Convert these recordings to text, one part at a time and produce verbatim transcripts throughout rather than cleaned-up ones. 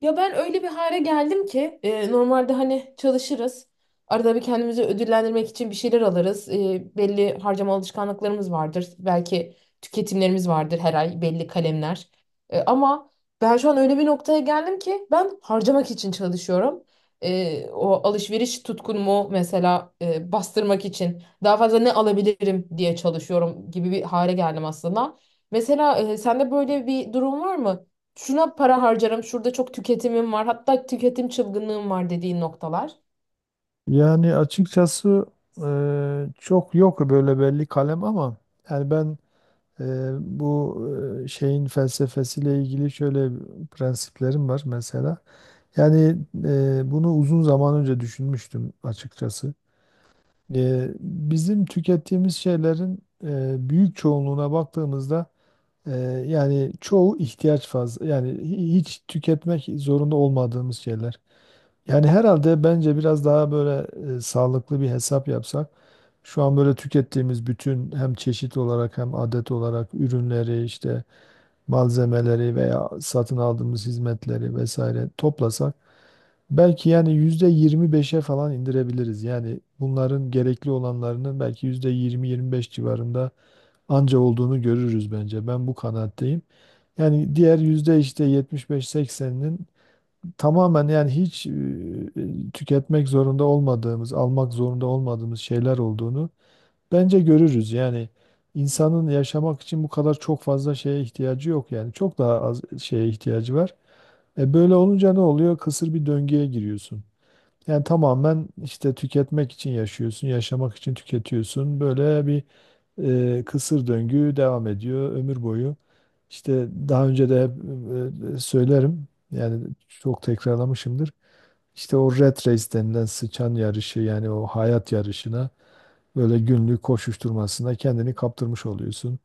Ya ben öyle bir hale geldim ki e, normalde hani çalışırız. Arada bir kendimizi ödüllendirmek için bir şeyler alırız. E, belli harcama alışkanlıklarımız vardır. Belki tüketimlerimiz vardır her ay belli kalemler. E, ama ben şu an öyle bir noktaya geldim ki ben harcamak için çalışıyorum. E, o alışveriş tutkunumu mesela e, bastırmak için daha fazla ne alabilirim diye çalışıyorum gibi bir hale geldim aslında. Mesela e, sende böyle bir durum var mı? Şuna para harcarım, şurada çok tüketimim var, hatta tüketim çılgınlığım var dediğin noktalar. Yani açıkçası e, çok yok böyle belli kalem ama yani ben e, bu e, şeyin felsefesiyle ilgili şöyle prensiplerim var mesela. Yani e, bunu uzun zaman önce düşünmüştüm açıkçası. E, bizim tükettiğimiz şeylerin e, büyük çoğunluğuna baktığımızda e, yani çoğu ihtiyaç fazla, yani hi- hiç tüketmek zorunda olmadığımız şeyler. Yani herhalde bence biraz daha böyle e, sağlıklı bir hesap yapsak, şu an böyle tükettiğimiz bütün hem çeşit olarak hem adet olarak ürünleri, işte malzemeleri veya satın aldığımız hizmetleri vesaire toplasak, belki yani yüzde yirmi beşe falan indirebiliriz. Yani bunların gerekli olanlarının belki yüzde yirmi yirmi beş civarında anca olduğunu görürüz bence. Ben bu kanaatteyim. Yani diğer yüzde işte yetmiş beş sekseninin tamamen, yani hiç e, tüketmek zorunda olmadığımız, almak zorunda olmadığımız şeyler olduğunu bence görürüz. Yani insanın yaşamak için bu kadar çok fazla şeye ihtiyacı yok, yani çok daha az şeye ihtiyacı var. E böyle olunca ne oluyor? Kısır bir döngüye giriyorsun. Yani tamamen, işte tüketmek için yaşıyorsun, yaşamak için tüketiyorsun. Böyle bir e, kısır döngü devam ediyor ömür boyu. İşte daha önce de hep e, söylerim. Yani çok tekrarlamışımdır. İşte o red race denilen sıçan yarışı, yani o hayat yarışına, böyle günlük koşuşturmasına kendini kaptırmış oluyorsun.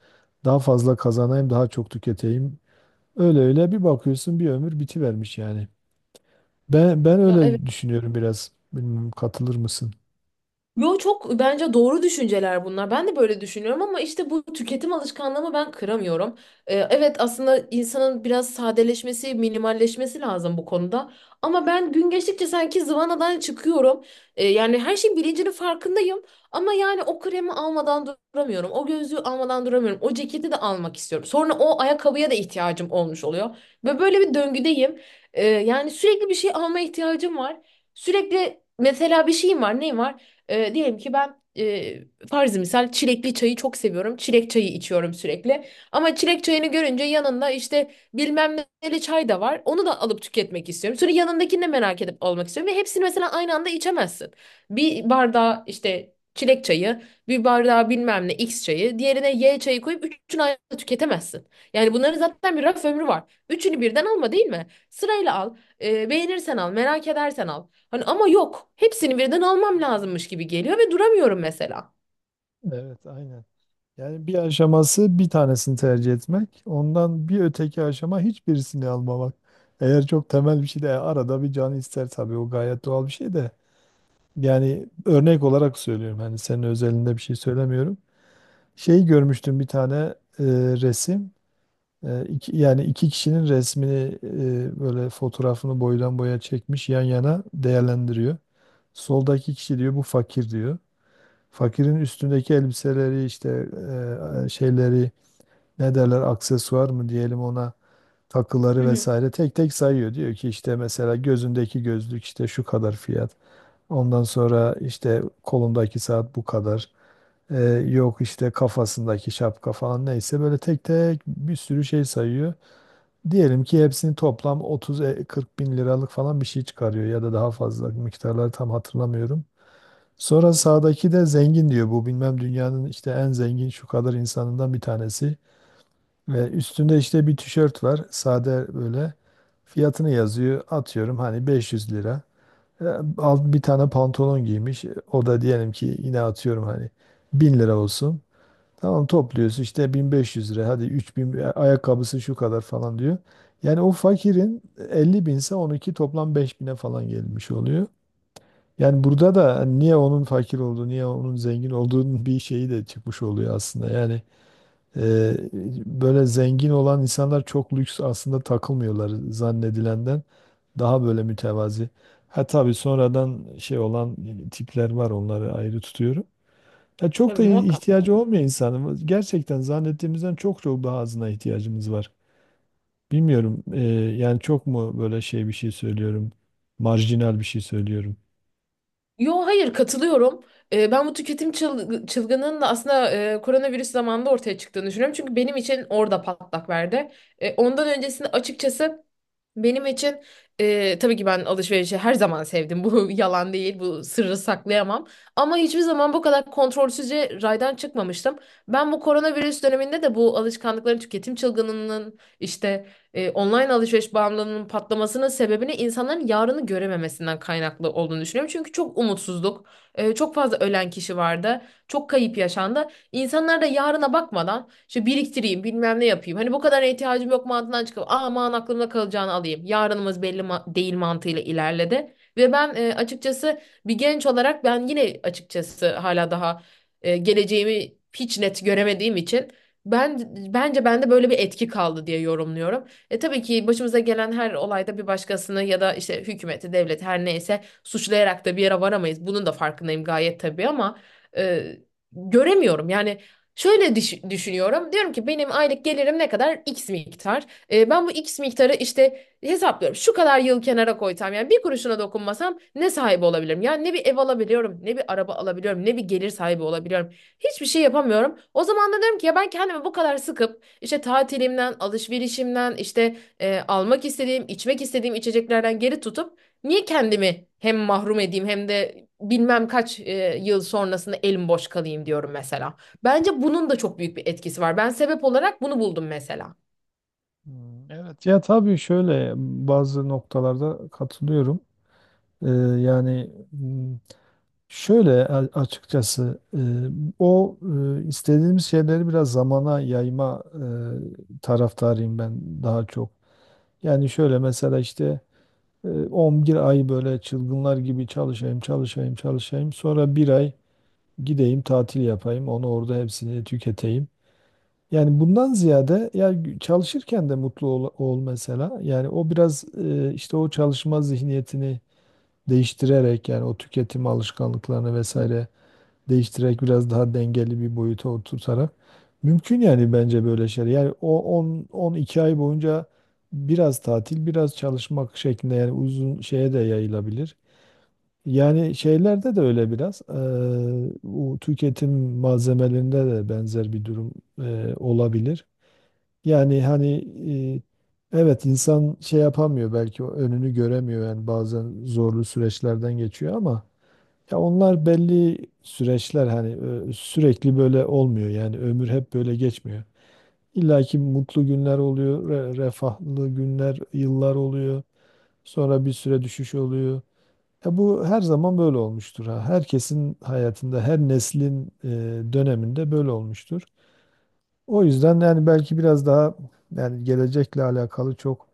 Daha fazla kazanayım, daha çok tüketeyim. Öyle öyle bir bakıyorsun, bir ömür bitivermiş yani. Ben ben Ya, evet. öyle düşünüyorum biraz. Bilmiyorum, katılır mısın? Yo, çok bence doğru düşünceler bunlar. Ben de böyle düşünüyorum ama işte bu tüketim alışkanlığımı ben kıramıyorum. Ee, evet, aslında insanın biraz sadeleşmesi, minimalleşmesi lazım bu konuda. Ama ben gün geçtikçe sanki zıvanadan çıkıyorum. Ee, yani her şeyin bilincinin farkındayım. Ama yani o kremi almadan duramıyorum. O gözlüğü almadan duramıyorum. O ceketi de almak istiyorum. Sonra o ayakkabıya da ihtiyacım olmuş oluyor. Ve böyle bir döngüdeyim. Ee, yani sürekli bir şey almaya ihtiyacım var. Sürekli mesela bir şeyim var. Neyim var? E, diyelim ki ben e, farzı misal çilekli çayı çok seviyorum. Çilek çayı içiyorum sürekli. Ama çilek çayını görünce yanında işte bilmem neli çay da var. Onu da alıp tüketmek istiyorum. Sonra yanındakini de merak edip almak istiyorum. Ve hepsini mesela aynı anda içemezsin. Bir bardağı işte çilek çayı, bir bardağı bilmem ne X çayı, diğerine Y çayı koyup üçünü aynı anda tüketemezsin. Yani bunların zaten bir raf ömrü var. Üçünü birden alma değil mi? Sırayla al. E, beğenirsen al, merak edersen al. Hani ama yok. Hepsini birden almam lazımmış gibi geliyor ve duramıyorum mesela. Evet, aynen. Yani bir aşaması bir tanesini tercih etmek, ondan bir öteki aşama hiçbirisini almamak. Eğer çok temel bir şey de arada bir can ister tabii, o gayet doğal bir şey de. Yani örnek olarak söylüyorum, hani senin özelinde bir şey söylemiyorum. Şey görmüştüm, bir tane e, resim. E, iki- yani iki kişinin resmini, e, böyle fotoğrafını boydan boya çekmiş, yan yana değerlendiriyor. Soldaki kişi diyor bu fakir, diyor. Fakirin üstündeki elbiseleri, işte e, şeyleri, ne derler aksesuar mı diyelim ona, Hı takıları hı. vesaire tek tek sayıyor. Diyor ki, işte mesela gözündeki gözlük işte şu kadar fiyat. Ondan sonra işte kolundaki saat bu kadar. E, Yok işte kafasındaki şapka falan, neyse böyle tek tek bir sürü şey sayıyor. Diyelim ki hepsini toplam otuz kırk bin liralık falan bir şey çıkarıyor, ya da daha fazla, miktarları tam hatırlamıyorum. Sonra sağdaki de zengin diyor, bu bilmem dünyanın işte en zengin şu kadar insanından bir tanesi. Ve üstünde işte bir tişört var sade, böyle fiyatını yazıyor, atıyorum hani beş yüz lira. E, Alt bir tane pantolon giymiş, o da diyelim ki, yine atıyorum hani, bin lira olsun. Tamam, topluyorsun işte bin beş yüz lira, hadi üç bin, e, ayakkabısı şu kadar falan diyor. Yani o fakirin elli binse, on iki toplam beş bine falan gelmiş oluyor. Yani burada da niye onun fakir olduğu, niye onun zengin olduğunun bir şeyi de çıkmış oluyor aslında. Yani e, böyle zengin olan insanlar çok lüks aslında takılmıyorlar zannedilenden. Daha böyle mütevazi. Ha tabii sonradan şey olan tipler var, onları ayrı tutuyorum. Ya çok Tabii da muhakkak. ihtiyacı olmuyor insanın. Gerçekten zannettiğimizden çok çok daha azına ihtiyacımız var. Bilmiyorum, e, yani çok mu böyle şey, bir şey söylüyorum. Marjinal bir şey söylüyorum. Yo, hayır, katılıyorum. Ee, ben bu tüketim çıl- çılgınının da aslında e, koronavirüs zamanında ortaya çıktığını düşünüyorum. Çünkü benim için orada patlak verdi. E, ondan öncesinde açıkçası benim için e, tabii ki ben alışverişi her zaman sevdim. Bu yalan değil, bu sırrı saklayamam. Ama hiçbir zaman bu kadar kontrolsüzce raydan çıkmamıştım. Ben bu koronavirüs döneminde de bu alışkanlıkların tüketim çılgınının işte e, online alışveriş bağımlılığının patlamasının sebebini insanların yarını görememesinden kaynaklı olduğunu düşünüyorum. Çünkü çok umutsuzluk, e, çok fazla ölen kişi vardı, çok kayıp yaşandı. İnsanlar da yarına bakmadan işte biriktireyim, bilmem ne yapayım. Hani bu kadar ihtiyacım yok mantığından çıkıp aman aklımda kalacağını alayım. Yarınımız belli ma- değil mantığıyla ilerledi. Ve ben e, açıkçası bir genç olarak ben yine açıkçası hala daha e, geleceğimi hiç net göremediğim için ben bence bende böyle bir etki kaldı diye yorumluyorum. E tabii ki başımıza gelen her olayda bir başkasını ya da işte hükümeti, devleti her neyse suçlayarak da bir yere varamayız. Bunun da farkındayım gayet tabii ama e, göremiyorum. Yani şöyle düş- düşünüyorum. Diyorum ki benim aylık gelirim ne kadar? X miktar. E, ben bu X miktarı işte hesaplıyorum. Şu kadar yıl kenara koysam yani bir kuruşuna dokunmasam ne sahibi olabilirim? Yani ne bir ev alabiliyorum, ne bir araba alabiliyorum, ne bir gelir sahibi olabiliyorum. Hiçbir şey yapamıyorum. O zaman da diyorum ki ya ben kendimi bu kadar sıkıp işte tatilimden, alışverişimden, işte e, almak istediğim, içmek istediğim içeceklerden geri tutup niye kendimi hem mahrum edeyim hem de bilmem kaç e, yıl sonrasında elim boş kalayım diyorum mesela. Bence bunun da çok büyük bir etkisi var. Ben sebep olarak bunu buldum mesela. Hmm, evet, ya tabii şöyle, bazı noktalarda katılıyorum. Ee, yani, hmm, şöyle a- açıkçası, e, o e, istediğimiz şeyleri biraz zamana yayma e, taraftarıyım ben, daha çok. Yani şöyle mesela, işte E, on bir ay böyle çılgınlar gibi çalışayım, çalışayım, çalışayım. Sonra bir ay gideyim, tatil yapayım, onu orada hepsini tüketeyim. Yani bundan ziyade, ya gü- çalışırken de mutlu ol, ol mesela. Yani o biraz, e, işte o çalışma zihniyetini değiştirerek, yani o tüketim alışkanlıklarını vesaire değiştirerek, biraz daha dengeli bir boyuta oturtarak mümkün, yani bence böyle şeyler. Yani o on on iki ay boyunca biraz tatil, biraz çalışmak şeklinde, yani uzun şeye de yayılabilir. Yani şeylerde de öyle biraz, eee, bu tüketim malzemelerinde de benzer bir durum eee, olabilir. Yani hani, eee, evet insan şey yapamıyor belki, o önünü göremiyor, yani bazen zorlu süreçlerden geçiyor, ama ya onlar belli süreçler hani, e, sürekli böyle olmuyor, yani ömür hep böyle geçmiyor. İlla ki mutlu günler oluyor, re- refahlı günler, yıllar oluyor. Sonra bir süre düşüş oluyor. Ya bu her zaman böyle olmuştur ha. Herkesin hayatında, her neslin e, döneminde böyle olmuştur. O yüzden yani belki biraz daha, yani gelecekle alakalı çok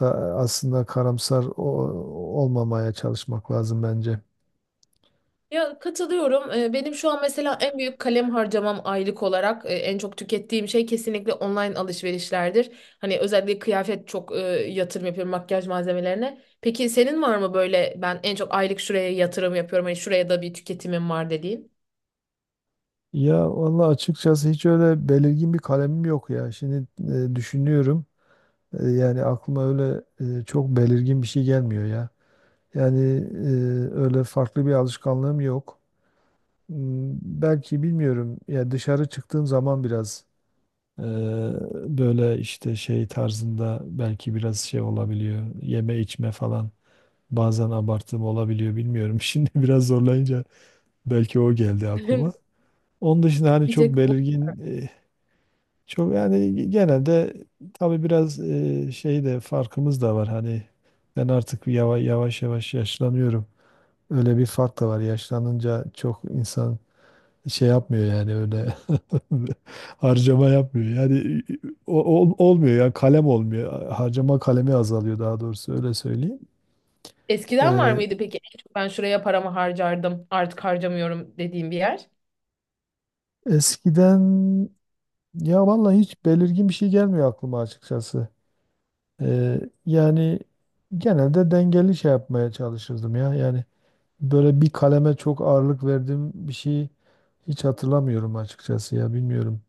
da aslında karamsar o- olmamaya çalışmak lazım bence. Ya, katılıyorum. Ee, Benim şu an mesela en büyük kalem harcamam aylık olarak e, en çok tükettiğim şey kesinlikle online alışverişlerdir. Hani özellikle kıyafet çok e, yatırım yapıyorum makyaj malzemelerine. Peki senin var mı böyle ben en çok aylık şuraya yatırım yapıyorum hani şuraya da bir tüketimim var dediğin? Ya vallahi açıkçası hiç öyle belirgin bir kalemim yok ya. Şimdi, e, düşünüyorum. E, yani aklıma öyle e, çok belirgin bir şey gelmiyor ya. Yani e, öyle farklı bir alışkanlığım yok. Hmm, Belki, bilmiyorum. Ya dışarı çıktığım zaman biraz, e, böyle işte şey tarzında, belki biraz şey olabiliyor. Yeme içme falan. Bazen abartım olabiliyor, bilmiyorum. Şimdi biraz zorlayınca belki o geldi aklıma. Onun dışında hani Bir çok tek belirgin e, Çok yani, genelde tabii biraz e, şey de, farkımız da var hani, ben artık yavaş yavaş yavaş yaşlanıyorum. Öyle bir fark da var. Yaşlanınca çok insan şey yapmıyor, yani öyle harcama yapmıyor. Yani o- ol- olmuyor ya, kalem olmuyor. Harcama kalemi azalıyor, daha doğrusu, öyle söyleyeyim. eskiden var Ee, mıydı peki? En çok ben şuraya paramı harcardım, artık harcamıyorum dediğim bir yer. Eskiden ya vallahi hiç belirgin bir şey gelmiyor aklıma açıkçası. Ee, Yani genelde dengeli şey yapmaya çalışırdım ya. Yani böyle bir kaleme çok ağırlık verdiğim bir şey hiç hatırlamıyorum açıkçası, ya bilmiyorum.